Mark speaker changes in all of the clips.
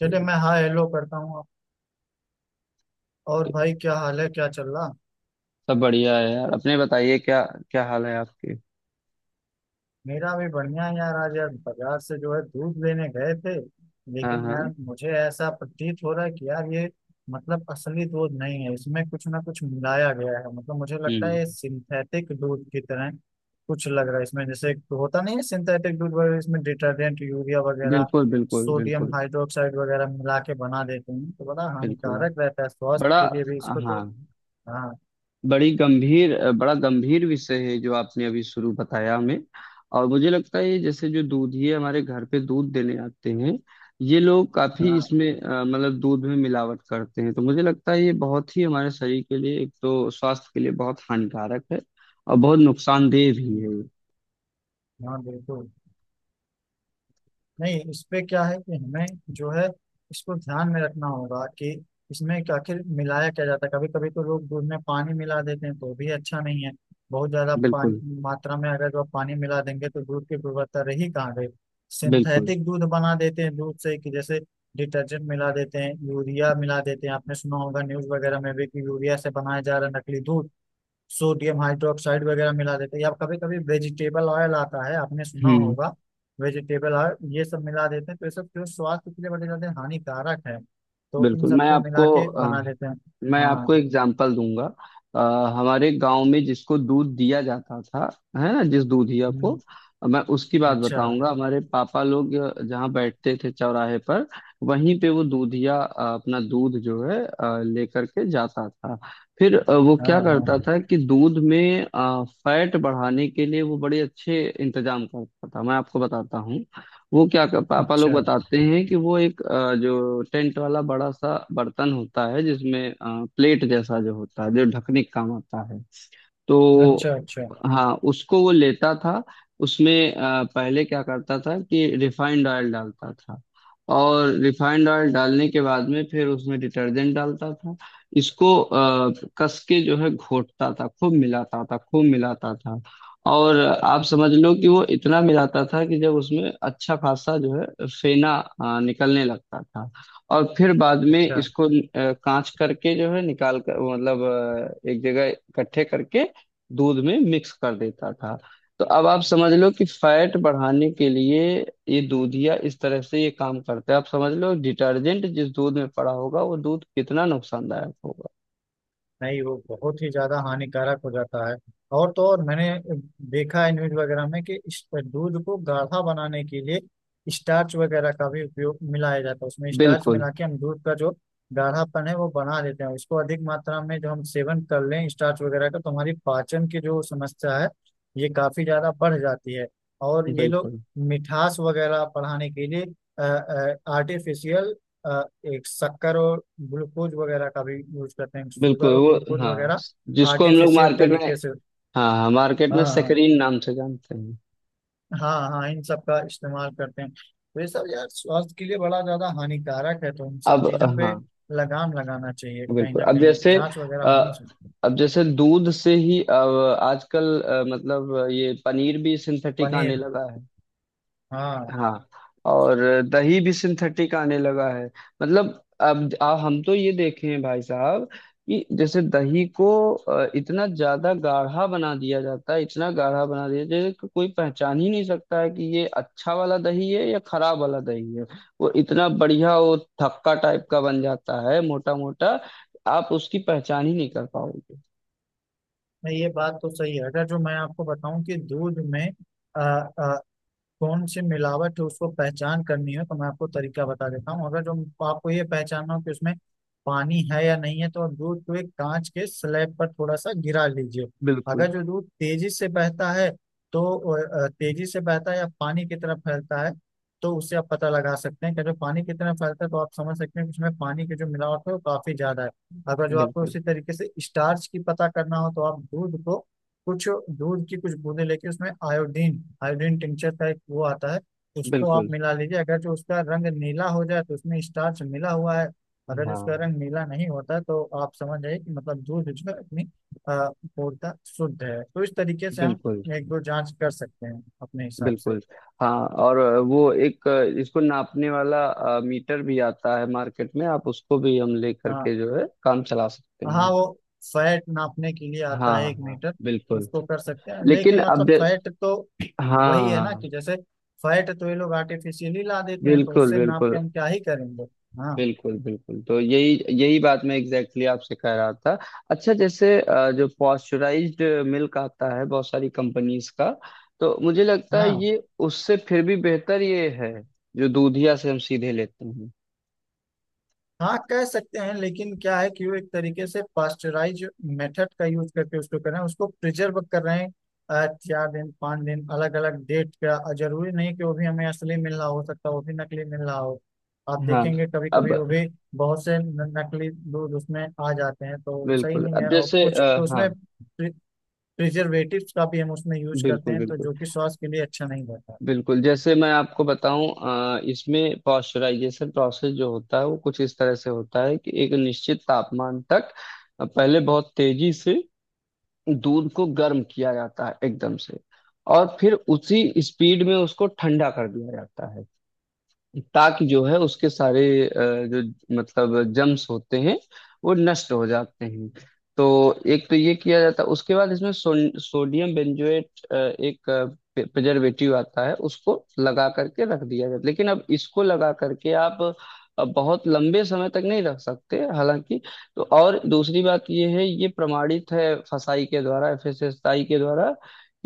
Speaker 1: चलिए मैं हाँ हेलो करता हूँ। और
Speaker 2: सब।
Speaker 1: भाई क्या हाल है, क्या चल रहा।
Speaker 2: बढ़िया है यार, अपने बताइए क्या क्या हाल है आपके।
Speaker 1: मेरा भी बढ़िया है यार। आज यार बाजार से जो है दूध लेने गए थे,
Speaker 2: हाँ,
Speaker 1: लेकिन यार
Speaker 2: हाँ।
Speaker 1: मुझे ऐसा प्रतीत हो रहा है कि यार ये मतलब असली दूध नहीं है। इसमें कुछ ना कुछ मिलाया गया है। मतलब मुझे लगता
Speaker 2: हम्म।
Speaker 1: है ये सिंथेटिक दूध की तरह कुछ लग रहा है इसमें। जैसे एक होता नहीं है सिंथेटिक दूध वगैरह, इसमें डिटर्जेंट यूरिया वगैरह
Speaker 2: बिल्कुल, बिल्कुल,
Speaker 1: सोडियम
Speaker 2: बिल्कुल।
Speaker 1: हाइड्रोक्साइड वगैरह मिला के बना देते हैं, तो बड़ा
Speaker 2: बिल्कुल।
Speaker 1: हानिकारक रहता है
Speaker 2: बड़ा।
Speaker 1: स्वास्थ्य के लिए भी इसको तो।
Speaker 2: हाँ।
Speaker 1: हाँ
Speaker 2: बड़ा गंभीर विषय है जो आपने अभी शुरू बताया हमें। और मुझे लगता है ये जैसे जो दूधिए हमारे घर पे दूध देने आते हैं, ये लोग काफी
Speaker 1: हाँ।
Speaker 2: इसमें मतलब दूध में मिलावट करते हैं। तो मुझे लगता है ये बहुत ही हमारे शरीर के लिए, एक तो स्वास्थ्य के लिए बहुत हानिकारक है। और बहुत नुकसानदेह भी है ये।
Speaker 1: हाँ बिल्कुल। नहीं, इस पे क्या है कि हमें जो है इसको ध्यान में रखना होगा कि इसमें आखिर मिलाया क्या जाता है। कभी कभी तो लोग दूध में पानी मिला देते हैं तो भी अच्छा नहीं है। बहुत ज्यादा
Speaker 2: बिल्कुल,
Speaker 1: पानी मात्रा में अगर जो आप पानी मिला देंगे तो दूध की गुणवत्ता रही कहाँ गई।
Speaker 2: बिल्कुल।
Speaker 1: सिंथेटिक दूध बना देते हैं दूध से, कि जैसे डिटर्जेंट मिला देते हैं, यूरिया मिला देते हैं। आपने सुना होगा न्यूज वगैरह में भी कि यूरिया से बनाया जा रहा है नकली दूध। सोडियम हाइड्रोक्साइड वगैरह मिला देते हैं, या कभी कभी वेजिटेबल ऑयल आता है, आपने सुना
Speaker 2: हम्म।
Speaker 1: होगा वेजिटेबल ऑयल, ये सब मिला देते हैं। तो ये सब जो स्वास्थ्य के लिए बड़े ज्यादा हानिकारक है, तो इन
Speaker 2: बिल्कुल।
Speaker 1: सबको मिला के बना देते हैं।
Speaker 2: मैं
Speaker 1: हाँ।
Speaker 2: आपको एग्जाम्पल दूंगा। अ, हमारे गांव में जिसको दूध दिया जाता था, है ना, जिस दूधिया को,
Speaker 1: हम्म।
Speaker 2: मैं उसकी बात
Speaker 1: अच्छा।
Speaker 2: बताऊंगा। हमारे पापा लोग जहाँ बैठते थे चौराहे पर, वहीं पे वो दूधिया अपना दूध जो है लेकर के जाता था। फिर वो
Speaker 1: हाँ
Speaker 2: क्या करता
Speaker 1: हाँ।
Speaker 2: था कि दूध में फैट बढ़ाने के लिए वो बड़े अच्छे इंतजाम करता था, मैं आपको बताता। पापा लोग
Speaker 1: अच्छा
Speaker 2: बताते हैं कि वो एक जो टेंट वाला बड़ा सा बर्तन होता है जिसमें प्लेट जैसा जो होता है जो ढकने का काम आता है, तो।
Speaker 1: अच्छा। अच्छा
Speaker 2: हाँ, उसको वो लेता था। उसमें पहले क्या करता था कि रिफाइंड ऑयल डालता था। और रिफाइंड ऑयल डालने के बाद में फिर उसमें डिटर्जेंट डालता था। इसको कस के जो है घोटता था, खूब मिलाता था, खूब मिलाता था। और आप समझ लो कि वो इतना मिलाता था कि जब उसमें अच्छा खासा जो है फेना निकलने लगता था। और फिर बाद में
Speaker 1: अच्छा।
Speaker 2: इसको कांच करके जो है निकाल कर मतलब एक जगह इकट्ठे करके दूध में मिक्स कर देता था। तो अब आप समझ लो कि फैट बढ़ाने के लिए ये दूधिया इस तरह से ये काम करता है। आप समझ लो, डिटर्जेंट जिस दूध में पड़ा होगा वो दूध कितना नुकसानदायक होगा।
Speaker 1: नहीं, वो बहुत ही ज्यादा हानिकारक हो जाता है। और तो और मैंने देखा है न्यूज वगैरह में कि इस दूध को गाढ़ा बनाने के लिए स्टार्च वगैरह का भी उपयोग मिलाया जाता है उसमें। स्टार्च
Speaker 2: बिल्कुल,
Speaker 1: मिला के हम दूध का जो गाढ़ापन है वो बना देते हैं। उसको अधिक मात्रा में जो हम सेवन कर लें स्टार्च वगैरह का तो हमारी पाचन की जो समस्या है ये काफी ज्यादा बढ़ जाती है। और ये लोग
Speaker 2: बिल्कुल,
Speaker 1: मिठास वगैरह बढ़ाने के लिए आर्टिफिशियल अ, एक शक्कर और ग्लूकोज वगैरह का भी यूज करते हैं,
Speaker 2: बिल्कुल।
Speaker 1: शुगर और
Speaker 2: वो।
Speaker 1: ग्लूकोज
Speaker 2: हाँ,
Speaker 1: वगैरह
Speaker 2: जिसको हम लोग
Speaker 1: आर्टिफिशियल
Speaker 2: मार्केट में।
Speaker 1: तरीके से।
Speaker 2: हाँ, हाँ, मार्केट
Speaker 1: हाँ
Speaker 2: में
Speaker 1: हाँ।
Speaker 2: सेक्रीन नाम से जानते हैं।
Speaker 1: हाँ हाँ, इन सब का इस्तेमाल करते हैं। तो ये सब यार स्वास्थ्य के लिए बड़ा ज्यादा हानिकारक है, तो इन सब
Speaker 2: अब।
Speaker 1: चीजों पे
Speaker 2: हाँ,
Speaker 1: लगाम लगाना चाहिए, कहीं
Speaker 2: बिल्कुल।
Speaker 1: ना कहीं जांच वगैरह
Speaker 2: अ,
Speaker 1: होनी चाहिए।
Speaker 2: अब जैसे दूध से ही अब आजकल मतलब ये पनीर भी सिंथेटिक आने
Speaker 1: पनीर।
Speaker 2: लगा।
Speaker 1: हाँ।
Speaker 2: हाँ। और दही भी सिंथेटिक आने लगा है। मतलब अब हम तो ये देखे हैं भाई साहब कि जैसे दही को इतना ज्यादा गाढ़ा बना दिया जाता है, इतना गाढ़ा बना दिया जैसे कि कोई पहचान ही नहीं सकता है कि ये अच्छा वाला दही है या खराब वाला दही है। वो इतना बढ़िया वो थक्का टाइप का बन जाता है, मोटा मोटा। आप उसकी पहचान ही नहीं कर पाओगे।
Speaker 1: नहीं, ये बात तो सही है। अगर जो मैं आपको बताऊं कि दूध में कौन सी मिलावट है उसको पहचान करनी है, तो मैं आपको तरीका बता देता हूँ। अगर जो आपको ये पहचानना हो कि उसमें पानी है या नहीं है तो आप दूध को एक कांच के स्लैब पर थोड़ा सा गिरा लीजिए।
Speaker 2: बिल्कुल,
Speaker 1: अगर जो दूध तेजी से बहता है तो तेजी से बहता है या पानी की तरफ फैलता है, तो उससे आप पता लगा सकते हैं कि जो पानी की तरफ फैलता है तो आप समझ सकते हैं कि उसमें पानी की जो मिलावट है वो काफी ज्यादा है। अगर जो आपको
Speaker 2: बिल्कुल,
Speaker 1: उसी तरीके से स्टार्च की पता करना हो तो आप दूध को कुछ, दूध की कुछ बूंदे लेके उसमें आयोडीन, आयोडीन टिंचर का एक वो आता है उसको आप
Speaker 2: बिल्कुल।
Speaker 1: मिला लीजिए। अगर जो उसका रंग नीला हो जाए तो उसमें स्टार्च मिला हुआ है। अगर उसका
Speaker 2: हाँ।
Speaker 1: रंग नीला नहीं होता तो आप समझ जाइए कि मतलब दूध जो है अपनी अ, पूर्णतः शुद्ध है। तो इस तरीके से हम
Speaker 2: बिल्कुल,
Speaker 1: एक दो जांच कर सकते हैं अपने हिसाब से।
Speaker 2: बिल्कुल। हाँ। और वो एक इसको नापने वाला मीटर भी आता है मार्केट में, आप उसको भी हम ले
Speaker 1: आ,
Speaker 2: करके जो है काम चला सकते
Speaker 1: हाँ,
Speaker 2: हैं।
Speaker 1: वो फैट नापने के लिए आता
Speaker 2: हाँ,
Speaker 1: है एक
Speaker 2: हाँ,
Speaker 1: मीटर।
Speaker 2: बिल्कुल।
Speaker 1: उसको कर सकते हैं,
Speaker 2: लेकिन
Speaker 1: लेकिन
Speaker 2: अब
Speaker 1: मतलब
Speaker 2: जै-
Speaker 1: फैट तो वही है ना कि
Speaker 2: हाँ।
Speaker 1: जैसे फैट तो ये लोग आर्टिफिशियली ला देते हैं, तो
Speaker 2: बिल्कुल,
Speaker 1: उससे नाप के
Speaker 2: बिल्कुल,
Speaker 1: हम क्या ही करेंगे। हाँ।
Speaker 2: बिल्कुल, बिल्कुल। तो यही यही बात मैं एग्जैक्टली exactly आपसे कह रहा था। अच्छा, जैसे जो पॉस्चराइज्ड मिल्क आता है, बहुत सारी कंपनीज का, तो मुझे लगता है
Speaker 1: हाँ
Speaker 2: ये उससे फिर भी बेहतर ये है जो दूधिया से हम सीधे लेते हैं।
Speaker 1: हाँ कह सकते हैं, लेकिन क्या है कि वो एक तरीके से पास्चराइज मेथड का यूज करके उसको कर रहे हैं, उसको प्रिजर्व कर रहे हैं चार दिन पाँच दिन अलग अलग डेट का। और जरूरी नहीं कि वो भी हमें असली मिल रहा हो, सकता है वो भी नकली मिल रहा हो। आप
Speaker 2: हाँ।
Speaker 1: देखेंगे कभी
Speaker 2: अब।
Speaker 1: कभी वो भी बहुत से नकली दूध उसमें आ जाते हैं, तो सही
Speaker 2: बिल्कुल।
Speaker 1: नहीं
Speaker 2: अब
Speaker 1: है। और
Speaker 2: जैसे
Speaker 1: कुछ तो
Speaker 2: हाँ।
Speaker 1: उसमें प्रिजर्वेटिव्स का भी हम उसमें यूज करते
Speaker 2: बिल्कुल,
Speaker 1: हैं, तो
Speaker 2: बिल्कुल,
Speaker 1: जो कि स्वास्थ्य के लिए अच्छा नहीं रहता।
Speaker 2: बिल्कुल। जैसे मैं आपको बताऊं इसमें पॉस्चराइजेशन प्रोसेस जो होता है वो कुछ इस तरह से होता है कि एक निश्चित तापमान तक पहले बहुत तेजी से दूध को गर्म किया जाता है एकदम से। और फिर उसी स्पीड में उसको ठंडा कर दिया जाता है, ताकि जो है उसके सारे जो, मतलब जम्स होते हैं, वो नष्ट हो जाते हैं। तो एक तो ये किया जाता है, उसके बाद इसमें सोडियम बेंजोएट एक प्रिजर्वेटिव आता है, उसको लगा करके रख दिया जाता है। लेकिन अब इसको लगा करके आप बहुत लंबे समय तक नहीं रख सकते, हालांकि। तो और दूसरी बात ये है, ये प्रमाणित है फसाई के द्वारा एफएसएसआई के द्वारा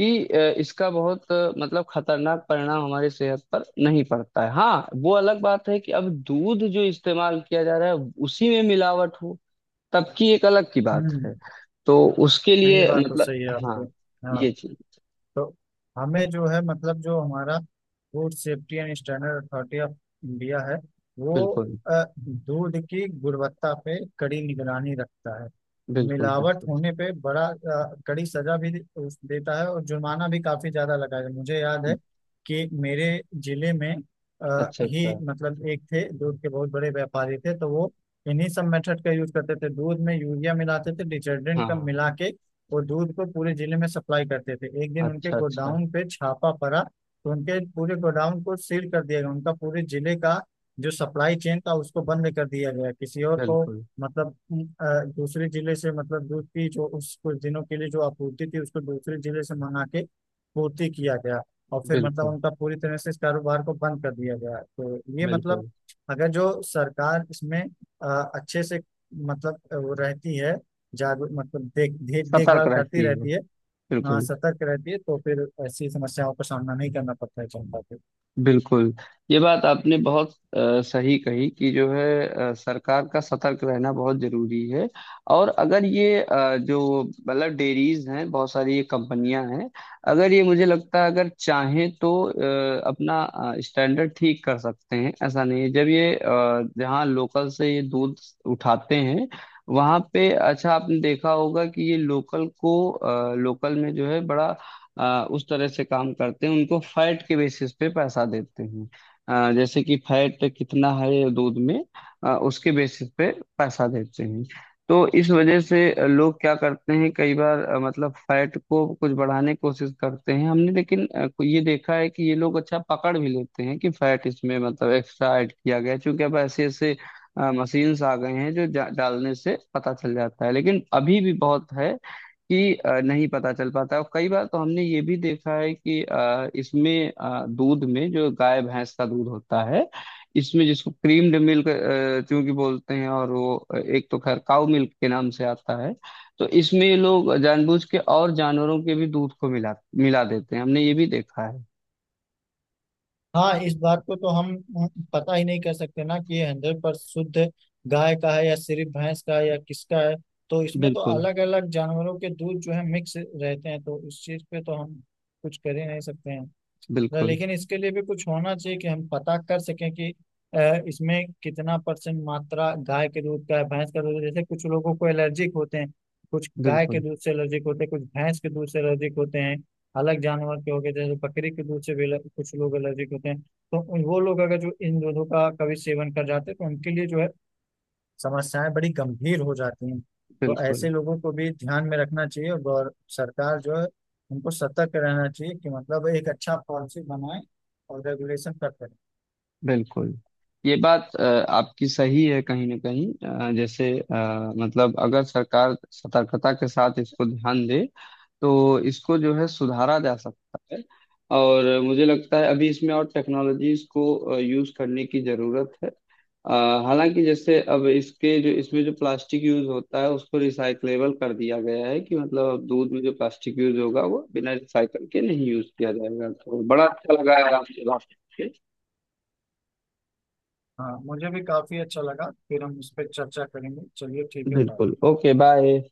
Speaker 2: कि इसका बहुत मतलब खतरनाक परिणाम हमारी सेहत पर नहीं पड़ता है। हाँ, वो अलग बात है कि अब दूध जो इस्तेमाल किया जा रहा है उसी में मिलावट हो, तब की एक अलग की बात
Speaker 1: हम्म।
Speaker 2: है। तो उसके
Speaker 1: नहीं, ये
Speaker 2: लिए
Speaker 1: बात तो
Speaker 2: मतलब।
Speaker 1: सही है आपके।
Speaker 2: हाँ।
Speaker 1: हाँ।
Speaker 2: ये चीज।
Speaker 1: तो हमें जो है मतलब जो हमारा food safety and standard authority of India है, वो
Speaker 2: बिल्कुल,
Speaker 1: दूध की गुणवत्ता पे कड़ी निगरानी रखता है।
Speaker 2: बिल्कुल,
Speaker 1: मिलावट
Speaker 2: बिल्कुल।
Speaker 1: होने पे बड़ा कड़ी सजा भी देता है, और जुर्माना भी काफी ज्यादा लगाया है। मुझे याद है कि मेरे जिले में अ,
Speaker 2: अच्छा, अच्छा।
Speaker 1: ही मतलब एक थे, दूध के बहुत बड़े व्यापारी थे, तो वो इन्हीं सब मेथड का यूज करते थे, दूध में यूरिया मिलाते थे, डिटर्जेंट का
Speaker 2: हाँ।
Speaker 1: मिला के वो दूध को पूरे जिले में सप्लाई करते थे। एक दिन उनके
Speaker 2: अच्छा, अच्छा।
Speaker 1: गोडाउन पे छापा पड़ा तो उनके पूरे गोडाउन को सील कर दिया गया, उनका पूरे जिले का जो सप्लाई चेन था उसको बंद कर दिया गया। किसी और को
Speaker 2: बिल्कुल,
Speaker 1: मतलब दूसरे जिले से, मतलब दूध की जो उस कुछ दिनों के लिए जो आपूर्ति थी उसको दूसरे जिले से मंगा के पूर्ति किया गया। और फिर मतलब
Speaker 2: बिल्कुल,
Speaker 1: उनका पूरी तरह से इस कारोबार को बंद कर दिया गया। तो ये मतलब
Speaker 2: बिल्कुल।
Speaker 1: अगर जो सरकार इसमें अच्छे से मतलब वो रहती है जागरूक, मतलब देख देख
Speaker 2: सतर्क
Speaker 1: देखभाल करती
Speaker 2: रहती है।
Speaker 1: रहती है। हाँ,
Speaker 2: बिल्कुल,
Speaker 1: सतर्क रहती है तो फिर ऐसी समस्याओं का सामना नहीं करना पड़ता है जनता को।
Speaker 2: बिल्कुल। ये बात आपने बहुत सही कही कि जो है सरकार का सतर्क रहना बहुत जरूरी है। और अगर ये जो, मतलब डेयरीज हैं, बहुत सारी ये कंपनियां हैं, अगर ये मुझे लगता है अगर चाहें तो अपना स्टैंडर्ड ठीक कर सकते हैं। ऐसा नहीं है, जब ये जहाँ लोकल से ये दूध उठाते हैं, वहां पे अच्छा, आपने देखा होगा कि ये लोकल को, लोकल में जो है बड़ा उस तरह से काम करते हैं, उनको फैट के बेसिस पे पैसा देते हैं। जैसे कि फैट कितना है दूध में, उसके बेसिस पे पैसा देते हैं। तो इस वजह से लोग क्या करते हैं, कई बार मतलब फैट को कुछ बढ़ाने की कोशिश करते हैं हमने, लेकिन ये देखा है कि ये लोग अच्छा पकड़ भी लेते हैं कि फैट इसमें मतलब एक्स्ट्रा ऐड किया गया है। क्योंकि अब ऐसे ऐसे मशीन्स आ गए हैं, जो डालने से पता चल जाता है। लेकिन अभी भी बहुत है कि नहीं पता चल पाता है। और कई बार तो हमने ये भी देखा है कि इसमें दूध में जो गाय भैंस का दूध होता है, इसमें जिसको क्रीम्ड मिल्क चूंकि बोलते हैं, और वो एक तो खैर काउ मिल्क के नाम से आता है। तो इसमें ये लोग जानबूझ के और जानवरों के भी दूध को मिला मिला देते हैं, हमने ये भी देखा है।
Speaker 1: हाँ, इस बात को तो हम पता ही नहीं कर सकते ना कि ये हंड्रेड पर शुद्ध गाय का है या सिर्फ भैंस का है या किसका है। तो इसमें तो
Speaker 2: बिल्कुल,
Speaker 1: अलग अलग जानवरों के दूध जो है मिक्स रहते हैं, तो इस चीज पे तो हम कुछ कर ही नहीं सकते हैं ना।
Speaker 2: बिल्कुल,
Speaker 1: लेकिन इसके लिए भी कुछ होना चाहिए कि हम पता कर सकें कि इसमें कितना परसेंट मात्रा गाय के दूध का है, भैंस का दूध है। जैसे कुछ लोगों को एलर्जिक होते हैं, कुछ गाय के
Speaker 2: बिल्कुल।
Speaker 1: दूध से एलर्जिक होते हैं, कुछ भैंस के दूध से एलर्जिक होते हैं। अलग जानवर के हो गए जैसे बकरी के दूध से भी कुछ लोग एलर्जिक होते हैं, तो वो लोग अगर जो इन दूधों का कभी सेवन कर जाते हैं तो उनके लिए जो है समस्याएं बड़ी गंभीर हो जाती हैं। तो
Speaker 2: बिल्कुल,
Speaker 1: ऐसे लोगों को भी ध्यान में रखना चाहिए, और सरकार जो है उनको सतर्क रहना चाहिए कि मतलब एक अच्छा पॉलिसी बनाए और रेगुलेशन करते रहे।
Speaker 2: बिल्कुल। ये बात आपकी सही है कहीं ना कहीं। जैसे मतलब, अगर सरकार सतर्कता के साथ इसको ध्यान दे, तो इसको जो है सुधारा जा सकता है। और मुझे लगता है अभी इसमें और टेक्नोलॉजीज को यूज करने की जरूरत है। अ, हालांकि जैसे अब इसके जो इसमें जो प्लास्टिक यूज होता है उसको रिसाइकलेबल कर दिया गया है कि मतलब अब दूध में जो प्लास्टिक यूज होगा वो बिना रिसाइकल के नहीं यूज किया जाएगा। तो बड़ा अच्छा लगा यार आपसे बात।
Speaker 1: हाँ, मुझे भी काफी अच्छा लगा, फिर हम इस पर चर्चा करेंगे। चलिए ठीक है, बाय।
Speaker 2: बिल्कुल। Okay, bye.